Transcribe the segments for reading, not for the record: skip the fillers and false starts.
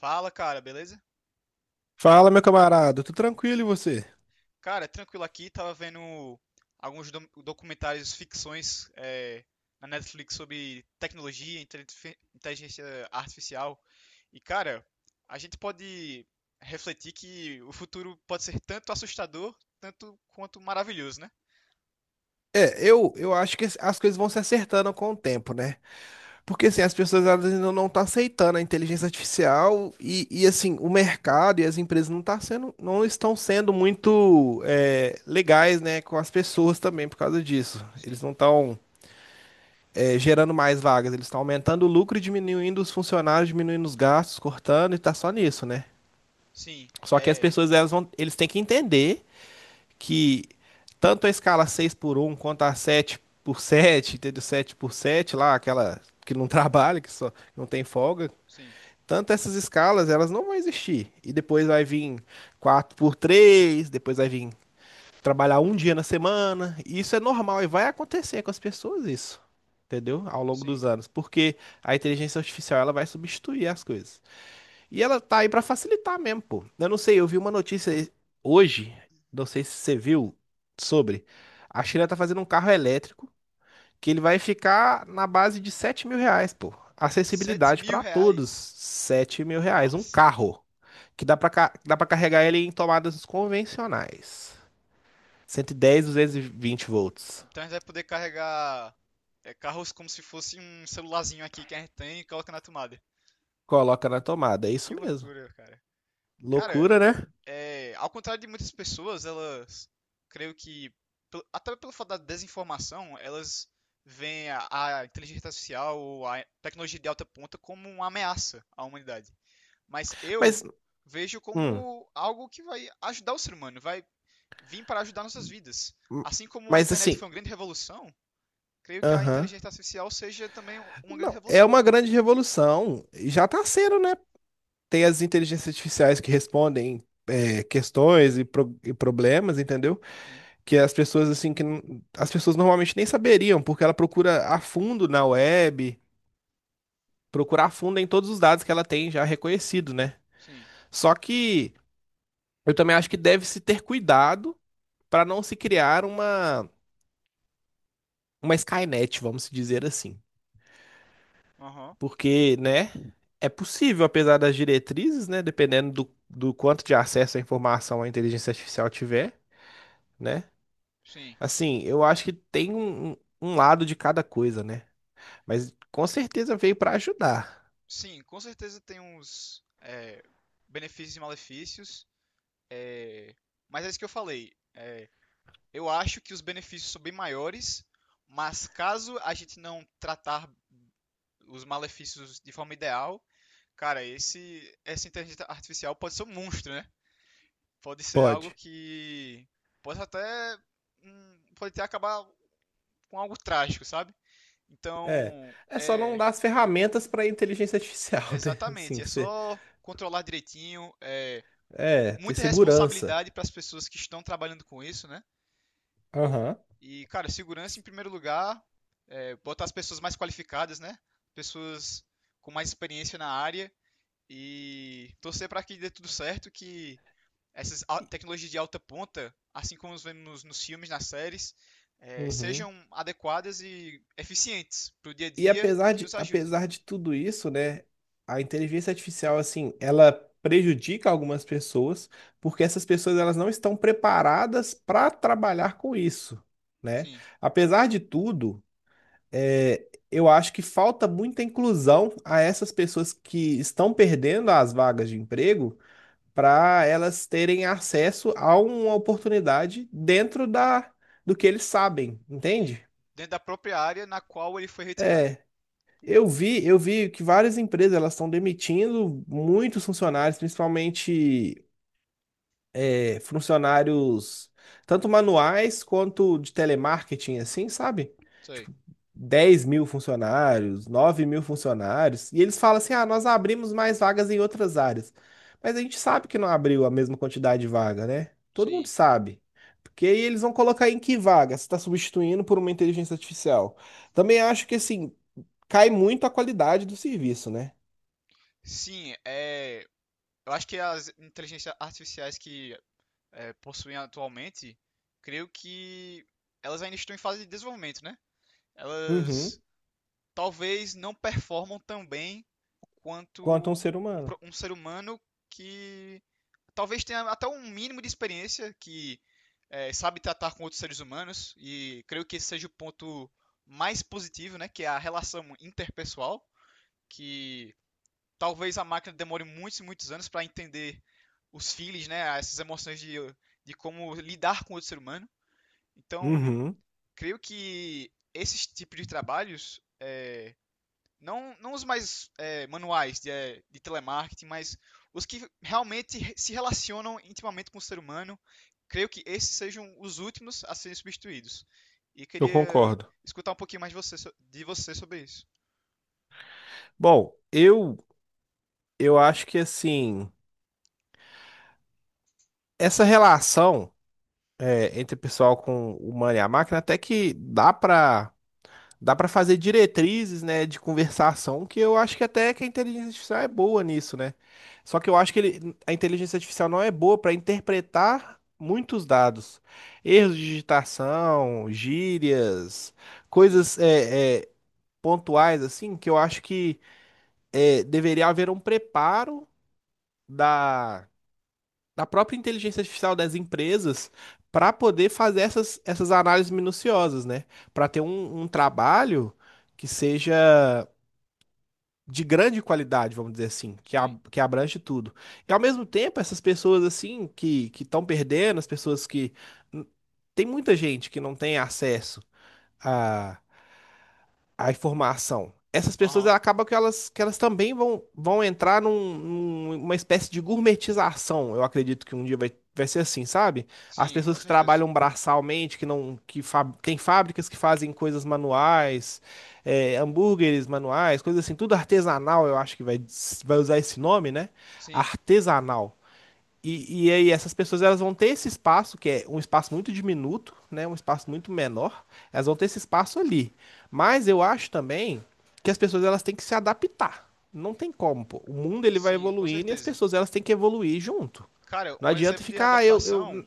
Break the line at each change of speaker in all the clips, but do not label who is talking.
Fala, cara, beleza?
Fala, meu camarada, tô tranquilo e você?
Cara, é tranquilo aqui, tava vendo alguns documentários, ficções na Netflix sobre tecnologia, inteligência artificial. E, cara, a gente pode refletir que o futuro pode ser tanto assustador, tanto quanto maravilhoso, né?
É, eu acho que as coisas vão se acertando com o tempo, né? Porque assim, as pessoas elas ainda não estão aceitando a inteligência artificial e assim, o mercado e as empresas não estão sendo muito legais, né, com as pessoas também por causa disso. Eles
Sim,
não estão gerando mais vagas, eles estão aumentando o lucro e diminuindo os funcionários, diminuindo os gastos, cortando e tá só nisso, né?
sim,
Só que as
é,
pessoas elas vão, eles têm que entender que tanto a escala 6x1, quanto a 7x7, entendeu? 7x7, lá, aquela que não trabalha, que só não tem folga,
sim,
tanto essas escalas, elas não vão existir. E depois vai vir 4x3. Depois vai vir trabalhar um dia na semana. E isso é normal e vai acontecer com as pessoas isso, entendeu? Ao longo
sim.
dos anos, porque a inteligência artificial ela vai substituir as coisas. E ela tá aí pra facilitar mesmo, pô. Eu não sei, eu vi uma notícia hoje, não sei se você viu, sobre a China tá fazendo um carro elétrico que ele vai ficar na base de R$ 7.000, pô.
Sete
Acessibilidade
mil
pra todos,
reais?
R$ 7.000. Um
Nossa.
carro que dá pra, dá pra carregar ele em tomadas convencionais. 110, 220 volts.
Então a gente vai poder carregar carros como se fosse um celularzinho aqui que a gente tem e coloca na tomada.
Coloca na tomada, é
Que
isso mesmo.
loucura, cara. Cara,
Loucura, né?
ao contrário de muitas pessoas, elas creio que, até pelo fato da desinformação, elas veem a inteligência artificial ou a tecnologia de alta ponta como uma ameaça à humanidade. Mas eu
Mas,
vejo
hum,
como algo que vai ajudar o ser humano, vai vir para ajudar nossas vidas. Assim como a
mas
internet
assim,
foi uma grande revolução, creio que a
aham.
inteligência artificial seja também uma grande
Não, é
revolução.
uma grande revolução. E já está sendo, né? Tem as inteligências artificiais que respondem questões e problemas, entendeu?
Sim,
Que as pessoas assim as pessoas normalmente nem saberiam, porque ela procura a fundo na web, procura a fundo em todos os dados que ela tem já reconhecido, né?
sim.
Só que eu também acho que deve se ter cuidado para não se criar uma Skynet, vamos dizer assim.
Aham.
Porque, né, é possível, apesar das diretrizes, né, dependendo do quanto de acesso à informação a inteligência artificial tiver, né?
Sim.
Assim, eu acho que tem um lado de cada coisa, né? Mas com certeza veio para ajudar.
Sim, com certeza tem uns benefícios e malefícios. É, mas é isso que eu falei. Eu acho que os benefícios são bem maiores, mas caso a gente não tratar os malefícios de forma ideal, cara, esse essa inteligência artificial pode ser um monstro, né? Pode ser algo
Pode.
que pode até pode até acabar com algo trágico, sabe?
É.
Então,
É só não dar as ferramentas para inteligência artificial, né? Assim,
exatamente, é
que você,
só controlar direitinho,
ter
muita
segurança.
responsabilidade para as pessoas que estão trabalhando com isso, né?
Aham.
E, cara, segurança em primeiro lugar, botar as pessoas mais qualificadas, né? Pessoas com mais experiência na área e torcer para que dê tudo certo, que essas tecnologias de alta ponta, assim como nós vemos nos filmes, nas séries,
Uhum.
sejam adequadas e eficientes para o dia a
E
dia e
apesar
que
de,
nos ajude.
apesar de tudo isso, né, a inteligência artificial, assim, ela prejudica algumas pessoas, porque essas pessoas elas não estão preparadas para trabalhar com isso, né?
Sim,
Apesar de tudo, eu acho que falta muita inclusão a essas pessoas que estão perdendo as vagas de emprego para elas terem acesso a uma oportunidade dentro do que eles sabem,
sim.
entende?
Dentro da própria área na qual ele foi retirado.
É, Eu vi que várias empresas elas estão demitindo muitos funcionários, principalmente funcionários tanto manuais quanto de telemarketing, assim, sabe?
Isso aí.
Tipo, 10.000 funcionários, 9.000 funcionários. E eles falam assim: ah, nós abrimos mais vagas em outras áreas. Mas a gente sabe que não abriu a mesma quantidade de vaga, né? Todo mundo
Sim.
sabe. Porque aí eles vão colocar em que vaga? Se está substituindo por uma inteligência artificial. Também acho que assim cai muito a qualidade do serviço, né?
Sim, eu acho que as inteligências artificiais que possuem atualmente, creio que elas ainda estão em fase de desenvolvimento, né?
Uhum.
Elas talvez não performam tão bem quanto
Quanto a um ser
um,
humano.
pro- um ser humano que talvez tenha até um mínimo de experiência que sabe tratar com outros seres humanos, e creio que esse seja o ponto mais positivo, né? Que é a relação interpessoal que talvez a máquina demore muitos e muitos anos para entender os feelings, né, essas emoções de como lidar com o outro ser humano. Então,
Uhum,
creio que esses tipos de trabalhos, não, não os mais manuais de telemarketing, mas os que realmente se relacionam intimamente com o ser humano, creio que esses sejam os últimos a serem substituídos. E
eu
queria
concordo.
escutar um pouquinho mais de você sobre isso.
Bom, eu acho que assim, essa relação entre o pessoal com o humano e a máquina até que dá para fazer diretrizes, né, de conversação, que eu acho que até que a inteligência artificial é boa nisso, né? Só que eu acho que a inteligência artificial não é boa para interpretar muitos dados, erros de digitação, gírias,
Sim,
coisas pontuais, assim, que eu acho que deveria haver um preparo da, da própria inteligência artificial das empresas para poder fazer essas análises minuciosas, né? Para ter um trabalho que seja de grande qualidade, vamos dizer assim, que,
sim.
que abrange tudo. E ao mesmo tempo, essas pessoas assim que estão perdendo, as pessoas que tem muita gente que não tem acesso a informação. Essas pessoas
Aham.
ela acaba que elas também vão entrar numa espécie de gourmetização. Eu acredito que um dia vai ser assim, sabe? As
Sim,
pessoas
com
que
certeza.
trabalham braçalmente, que não, que tem fábricas que fazem coisas manuais, hambúrgueres manuais, coisas assim, tudo artesanal, eu acho que vai usar esse nome, né?
Sim.
Artesanal. E aí essas pessoas elas vão ter esse espaço, que é um espaço muito diminuto, né? Um espaço muito menor. Elas vão ter esse espaço ali. Mas eu acho também que as pessoas elas têm que se adaptar. Não tem como, pô. O mundo ele vai
Sim, com
evoluindo e as
certeza.
pessoas elas têm que evoluir junto.
Cara,
Não
um
adianta
exemplo de
ficar, ah, eu,
adaptação
eu...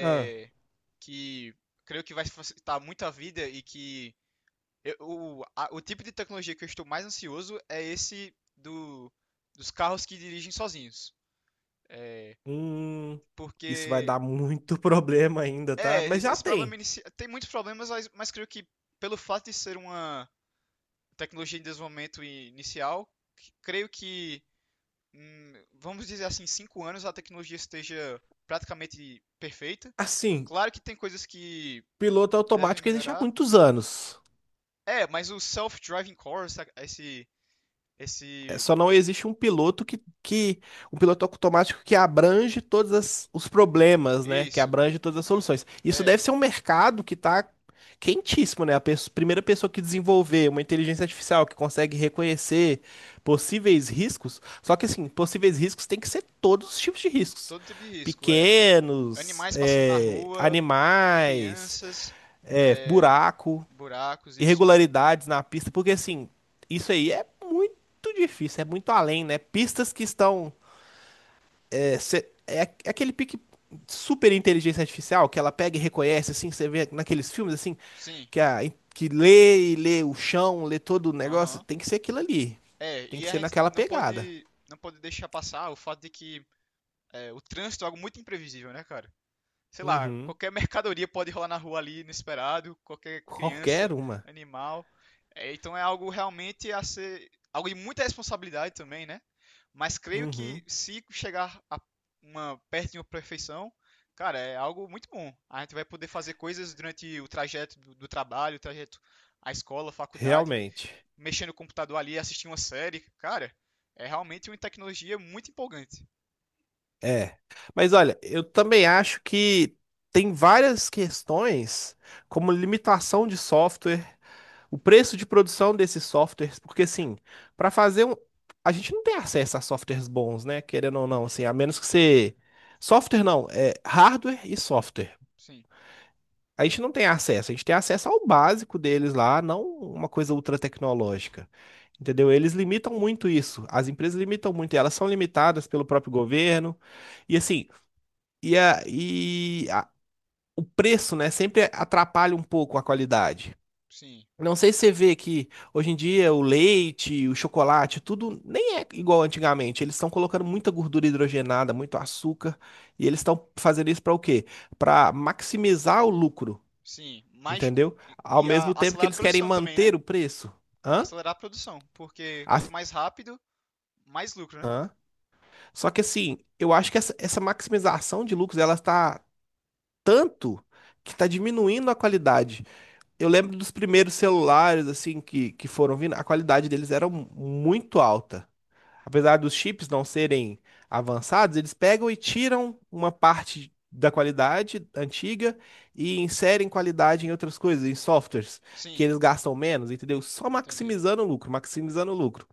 Ah,
que creio que vai facilitar muito a vida, e que o tipo de tecnologia que eu estou mais ansioso é esse dos carros que dirigem sozinhos.
hum, isso vai
Porque
dar muito problema ainda, tá? Mas já tem.
tem muitos problemas, mas creio que pelo fato de ser uma tecnologia em desenvolvimento inicial, creio que vamos dizer assim, 5 anos a tecnologia esteja praticamente perfeita.
Assim,
Claro que tem coisas que
piloto
devem
automático existe há
melhorar.
muitos anos.
É, mas o self-driving cars, esse,
É,
esse,
só não existe um piloto que um piloto automático que abrange todos os problemas, né? Que
isso,
abrange todas as soluções. Isso
é,
deve ser um mercado que está quentíssimo, né? A primeira pessoa que desenvolver uma inteligência artificial que consegue reconhecer possíveis riscos, só que assim, possíveis riscos tem que ser todos os tipos de riscos.
todo tipo de risco, é.
Pequenos,
Animais passando na rua,
animais,
crianças, é,
buraco,
buracos, isso.
irregularidades na pista, porque assim, isso aí é muito difícil, é muito além, né? Pistas que estão. É, é aquele pique super inteligência artificial que ela pega e reconhece, assim, você vê naqueles filmes, assim,
Sim,
que, que lê e lê o chão, lê todo o negócio.
aham.
Tem que ser aquilo ali.
É,
Tem
e
que
a
ser
gente
naquela
não
pegada.
pode, não pode deixar passar o fato de que o trânsito é algo muito imprevisível, né, cara? Sei lá,
Uhum.
qualquer mercadoria pode rolar na rua ali inesperado, qualquer
Qualquer
criança,
uma.
animal. É, então é algo realmente a ser, algo de muita responsabilidade também, né? Mas creio
Uhum.
que se chegar a uma perto de uma perfeição, cara, é algo muito bom. A gente vai poder fazer coisas durante o trajeto do trabalho, o trajeto à escola, à faculdade,
Realmente.
mexer no computador ali, assistir uma série, cara, é realmente uma tecnologia muito empolgante.
É. Mas olha, eu também acho que tem várias questões, como limitação de software, o preço de produção desses softwares, porque assim, para fazer um. A gente não tem acesso a softwares bons, né? Querendo ou não, assim, a menos que você. Software não, é hardware e software.
Sim,
A gente não tem acesso, a gente tem acesso ao básico deles lá, não uma coisa ultra tecnológica. Entendeu? Eles limitam muito isso. As empresas limitam muito, e elas são limitadas pelo próprio governo. E assim, e, a, e a- o preço, né, sempre atrapalha um pouco a qualidade.
sim.
Não sei se você vê que hoje em dia o leite, o chocolate, tudo nem é igual antigamente. Eles estão colocando muita gordura hidrogenada, muito açúcar, e eles estão fazendo isso para o quê? Para maximizar o lucro,
Sim, mais
entendeu? Ao mesmo tempo que
acelerar a
eles querem
produção também, né?
manter o preço. Hã?
Acelerar a produção, porque
A-
quanto mais rápido, mais lucro, né?
Hã? Só que assim, eu acho que essa maximização de lucros, ela está tanto que está diminuindo a qualidade. Eu lembro dos primeiros celulares, assim, que foram vindo, a qualidade deles era muito alta. Apesar dos chips não serem avançados, eles pegam e tiram uma parte da qualidade antiga e inserem qualidade em outras coisas, em softwares, que
Sim,
eles gastam menos, entendeu? Só
entendi.
maximizando o lucro, maximizando o lucro.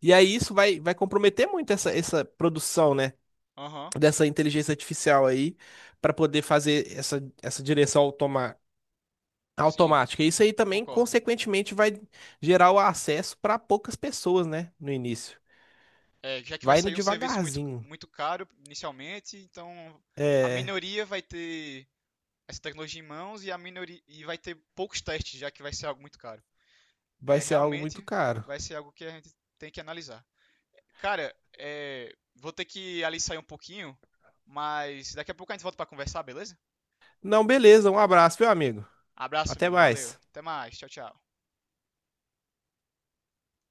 E aí isso vai comprometer muito essa produção, né?
Aham,
Dessa inteligência artificial aí, para poder fazer essa direção automa
sim,
automática. Isso aí também,
concordo.
consequentemente, vai gerar o acesso para poucas pessoas, né? No início.
É, já que vai
Vai indo
sair um serviço muito,
devagarzinho.
muito caro inicialmente, então a
É,
minoria vai ter essa tecnologia em mãos, e a minoria vai ter poucos testes, já que vai ser algo muito caro.
vai
É,
ser algo muito
realmente
caro.
vai ser algo que a gente tem que analisar. Cara, vou ter que ali sair um pouquinho, mas daqui a pouco a gente volta para conversar, beleza?
Não, beleza. Um abraço, meu amigo.
Abraço,
Até
amigo. Valeu.
mais.
Até mais. Tchau, tchau.